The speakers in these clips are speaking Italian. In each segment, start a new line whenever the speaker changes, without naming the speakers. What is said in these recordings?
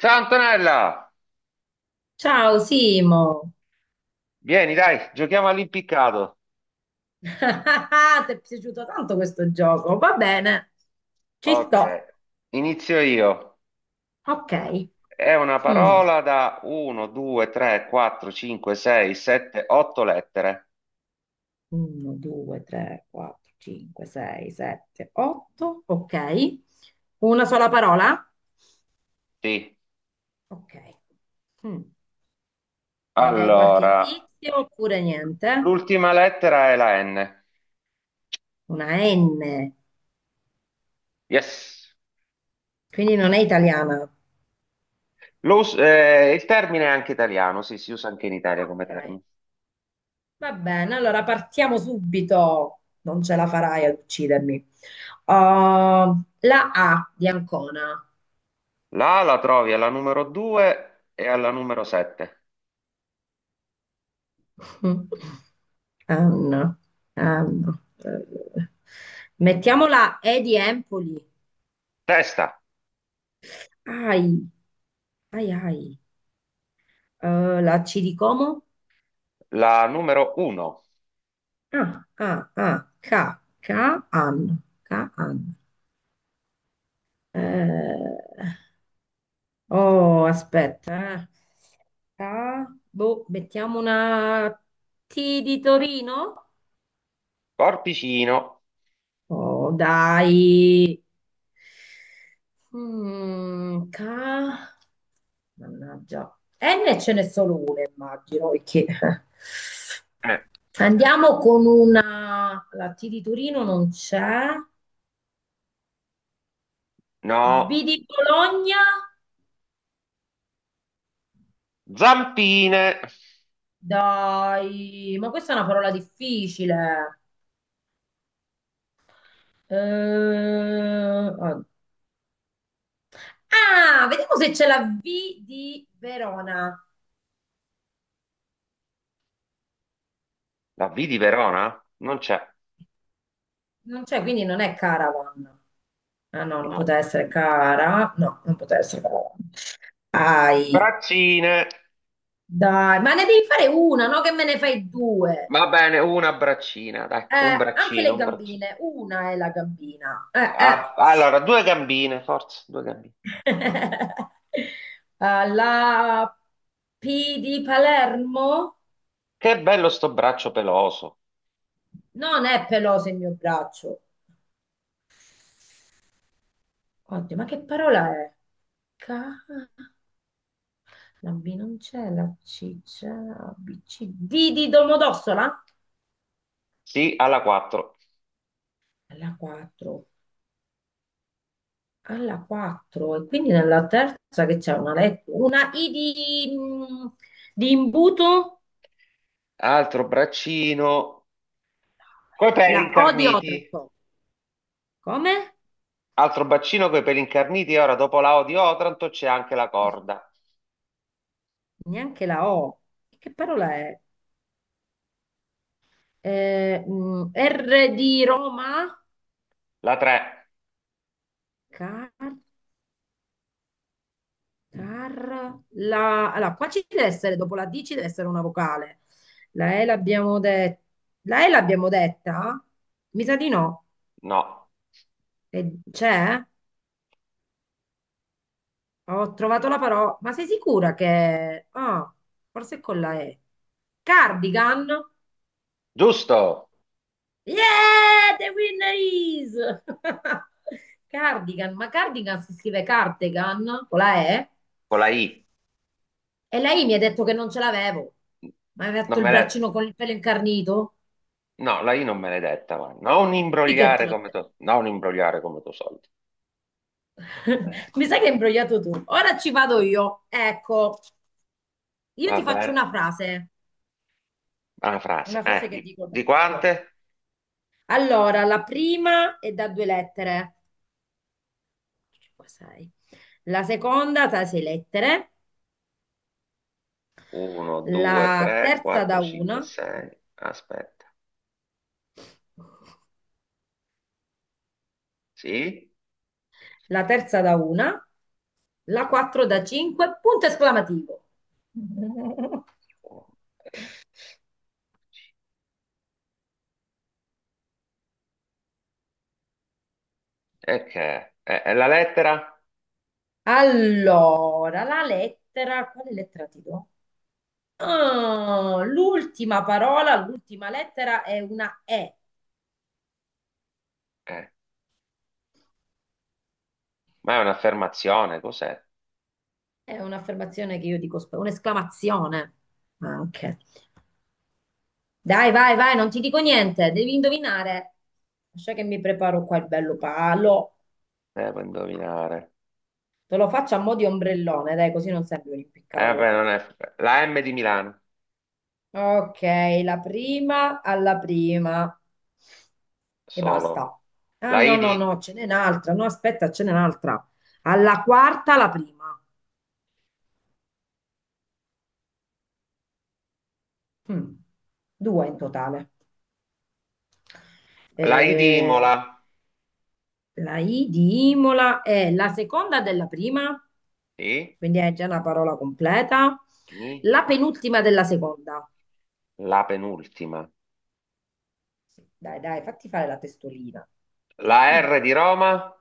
Ciao Antonella,
Ciao Simo,
vieni dai, giochiamo all'impiccato.
ti è piaciuto tanto questo gioco? Va bene, ci
Ok,
sto.
inizio io.
Ok.
È una
Mm.
parola da 1, 2, 3, 4, 5, 6, 7, 8 lettere.
1, 2, 3, 4, 5, 6, 7, 8. Ok. Una sola parola?
Sì.
Ok. Mm. Mi dai qualche
Allora,
indizio oppure niente?
l'ultima lettera è la N.
Una N,
Yes.
quindi non è italiana.
Il termine è anche italiano, sì, si usa anche in Italia come
Ok.
termine.
Va bene, allora partiamo subito. Non ce la farai ad uccidermi. Uh, la A di Ancona.
La A la trovi alla numero 2 e alla numero 7.
Anna, Anna. Mettiamo la E di Empoli.
Testa,
Ai, ai, ai. La C di Como.
la numero 1.
Ah, ah, ah. K, K, Anna. K, Anna. Oh, aspetta, eh. Ah, boh, mettiamo una T di Torino?
Corpicino.
Oh, dai. Mm, ca- Mannaggia. N ce n'è solo una, immagino, perché...
Eh,
Andiamo con una... La T di Torino non c'è. B
no.
di Bologna?
Zampine,
Dai, ma questa è una parola difficile. Eh, Ah, vediamo se c'è la V di Verona.
la V di Verona? Non c'è,
Non c'è, quindi non è Caravan. Ah no, non
no.
poteva essere Cara. No, non poteva essere Caravan. Ai,
Braccine,
dai, ma ne devi fare una, no? Che me ne fai due.
va bene, una braccina, dai, un
Anche
braccino,
le
un braccino.
gambine. Una è la gambina. Eh.
Ah, allora, due gambine, forza, due gambine.
Ah, la P di Palermo?
Che bello sto braccio peloso.
Non è peloso il mio braccio. Oddio, ma che parola è? Ca... La B non c'è, la C c'è, la B, C, D di Domodossola?
Sì, alla 4.
Alla 4, alla 4. E quindi nella terza che c'è una lettera, una I di, di imbuto,
Altro braccino, coi peli
la O di
incarniti.
Otranto. Come?
Altro braccino coi peli incarniti. E ora, dopo la O di Otranto, c'è anche la corda.
Neanche la O. Che parola è? R di Roma?
La 3,
Car allora, qua ci deve essere, dopo la D ci deve essere una vocale. La E l'abbiamo detta. La E l'abbiamo detta? Mi sa di no.
no.
E c'è? Ho trovato la parola. Ma sei sicura che... Ah, forse è con la E. Cardigan?
Giusto,
Yeah, the winner is! Cardigan, ma cardigan si scrive cardigan con la E?
con la I.
E lei mi ha detto che non ce l'avevo. Ma aveva
Non
fatto il
me la...
braccino con il pelo incarnito?
No, la I non maledetta, ma
Sì che te l'ho
non imbrogliare come tuo soldi. Eh,
Mi sa che hai imbrogliato tu. Ora ci vado
eh,
io. Ecco, io
Va
ti faccio
bene, una frase.
una frase che dico
Di
tutto.
quante?
Allora, la prima è da due lettere, 5, 6. La seconda da sei lettere,
1, 2,
la
3,
terza da
4,
una,
5, 6. Aspetta, sì?
la terza da una, la quattro da cinque, punto esclamativo.
E che? È la lettera?
Allora, la lettera, quale lettera ti do? Oh, l'ultima parola, l'ultima lettera è una E.
Eh, ma è un'affermazione, cos'è?
È un'affermazione che io dico, un'esclamazione anche. Dai, vai, vai, non ti dico niente, devi indovinare. Lascia che mi preparo qua il bello palo.
Devo indovinare.
Te lo faccio a mo' di ombrellone, dai, così non serve un
Beh,
impiccato.
non è... La M di Milano,
Ok, la prima alla prima. E basta.
solo.
Ah,
La
no,
I
no, no,
di,
ce n'è un'altra. No, aspetta, ce n'è un'altra. Alla quarta la prima. Mm, due in totale.
la I di Imola,
Eh, la I di Imola è la seconda della prima,
sì?
quindi è già una parola completa.
Mi?
La penultima della seconda.
La penultima.
Dai, dai, fatti fare la testolina.
La
Mm.
R di Roma?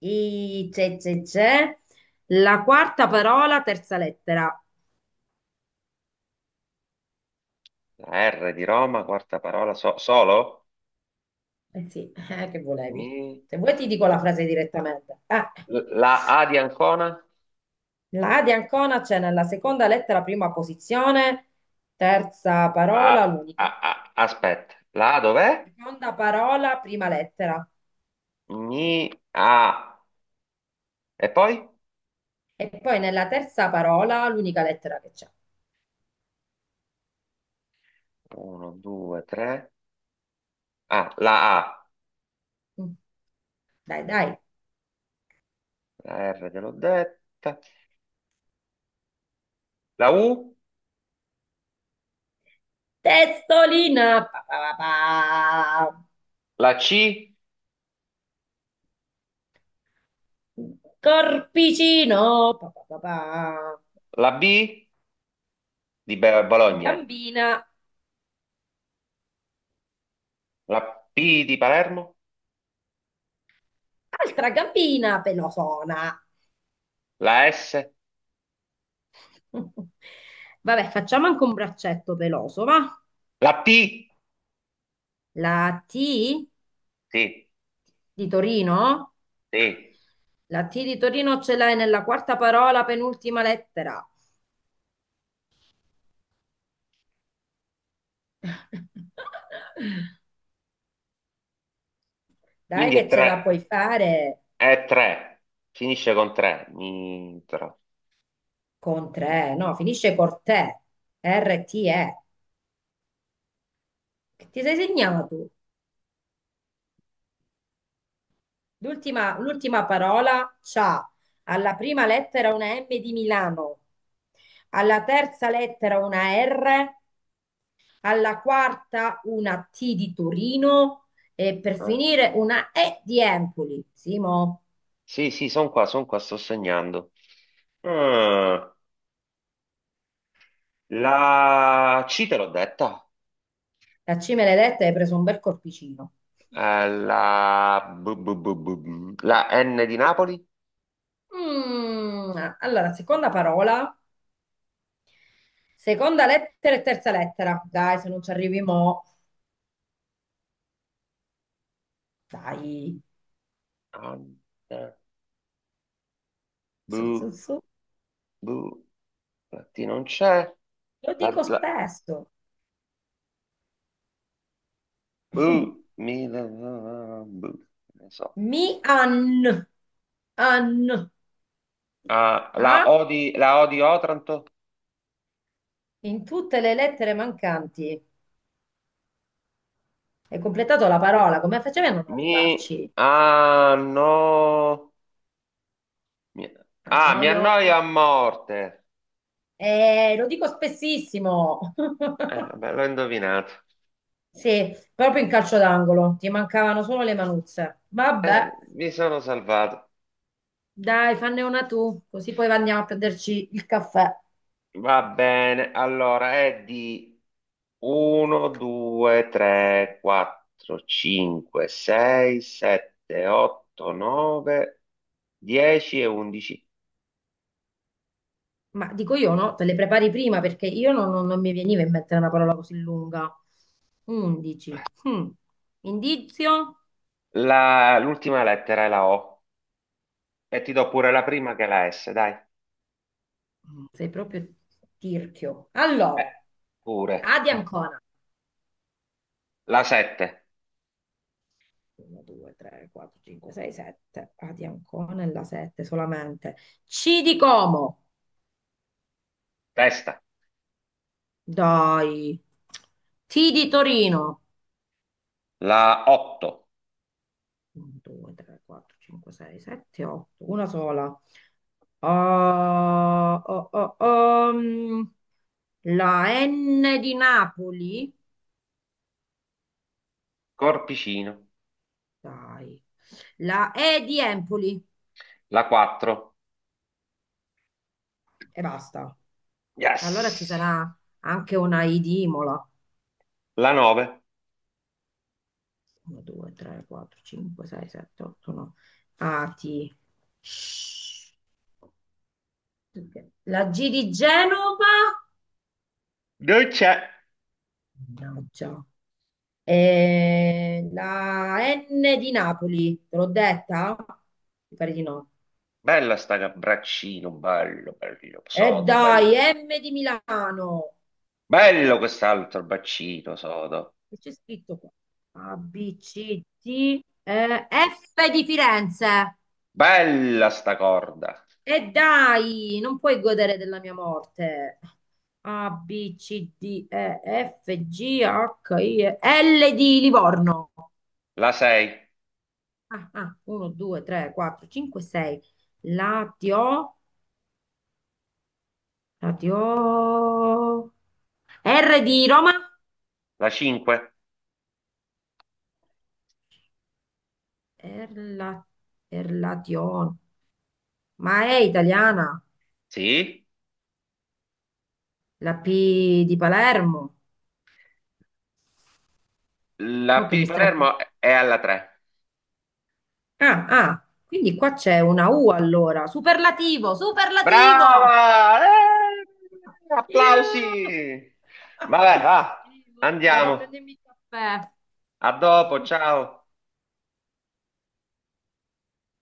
I c'è, c'è, c'è. La quarta parola, terza lettera.
La R di Roma, quarta parola, solo?
Eh sì, che volevi?
Mi-
Se vuoi ti dico la frase direttamente.
La A di Ancona?
La A di Ancona c'è nella seconda lettera, prima posizione, terza parola, l'unica.
Aspetta, la A dov'è?
Seconda parola, prima lettera.
Mi, A. E poi?
E poi nella terza parola l'unica lettera che c'è.
Uno, due, tre. Ah, la A.
Mm. Dai, dai.
La R te l'ho detta. La U?
Testolina, pa, pa, pa, pa.
La C?
Corpicino, pa, pa, pa, pa.
La B di Bologna?
Gambina,
La P di Palermo?
altra gambina pelosona.
La S?
Vabbè, facciamo anche un braccetto peloso, va?
La P?
La T
Sì,
di Torino?
sì.
La T di Torino ce l'hai nella quarta parola, penultima lettera. Dai
Quindi è
che ce la puoi
tre.
fare
È tre. Finisce con tre. Mi, tro.
con tre, no, finisce con te, R-T-E. Che ti sei segnato? L'ultima parola c'ha alla prima lettera una M di Milano, alla terza lettera una R, alla quarta una T di Torino e per
Ah,
finire una E di Empoli. Simo,
sì, sì, sono qua, sto segnando. Ah, la C te l'ho detta.
la C me l'hai detta e hai preso un bel corpicino.
La N di Napoli.
Mm, allora, seconda parola seconda lettera e terza lettera. Dai, se non ci arrivi mo, dai.
An- eh,
Su, su,
bu-
su.
bu- La T non c'è.
Lo
La,
dico
la-
spesso.
bu- mi- la- la- la- bu- Non so.
Mi an. An.
Ah,
A
La O di Otranto.
in tutte le lettere mancanti. Hai completato la parola. Come facevi a non arrivarci?
Ah, no. Mi- mi
Annoio.
annoia a morte.
Lo dico spessissimo.
Vabbè, l'ho indovinato.
Sì, proprio in calcio d'angolo. Ti mancavano solo le manuzze. Vabbè,
Mi sono salvato.
dai, fanne una tu, così poi andiamo a prenderci il caffè.
Va bene, allora è di 1, 2, 3, 4, 5, 6, 7, 8, 9, 10 e 11.
Ma dico io no, te le prepari prima perché io non mi veniva in mente una parola così lunga. 11. Mm. Indizio?
L'ultima lettera è la O e ti do pure la prima che è la S, dai.
Sei proprio tirchio.
Eh,
Allora,
Pure.
A di Ancona.
La 7,
1, 2, 3, 4, 5, 6, 7. A di Ancona e la 7 solamente. C di Como.
testa.
Dai. T di Torino.
La 8,
1, 2, 3, 4, 5, 6, 7, 8. Una sola. Oh, oh, oh, oh. Mm. La N di Napoli?
corpicino.
Dai. La E di Empoli
La 4,
e basta. Allora ci
yes.
sarà anche una I di Imola.
La 9,
1, 2, 3, 4, 5, 6, 7, 8, 9. A, T. Shh. La G di Genova?
non c'è.
Mannaggia. E la N di Napoli, te l'ho detta? Mi pare di no.
Bella sta braccino, bello, bello,
E
sodo,
dai,
bello.
M di Milano.
Bello quest'altro braccino, sodo.
Che c'è scritto qua? A, B, C, D, F di Firenze.
Bella sta corda.
E dai, non puoi godere della mia morte. A, B, C, D, E, F, G, H, I, E, L di Livorno.
La 6,
Ah, ah, 1, 2, 3, 4, 5, 6. Latio, Latio. R di Roma?
la 5,
Erla, Erlation. Ma è italiana?
sì.
La P di Palermo?
La
Mo
P
che
di
mi stai qui.
Palermo è alla 3.
Ah, ah, quindi qua c'è una U allora. Superlativo, superlativo!
Brava!
Iuh!
Applausi! Vabbè, va,
Sì, vado a
andiamo.
prendermi il caffè.
A dopo, ciao.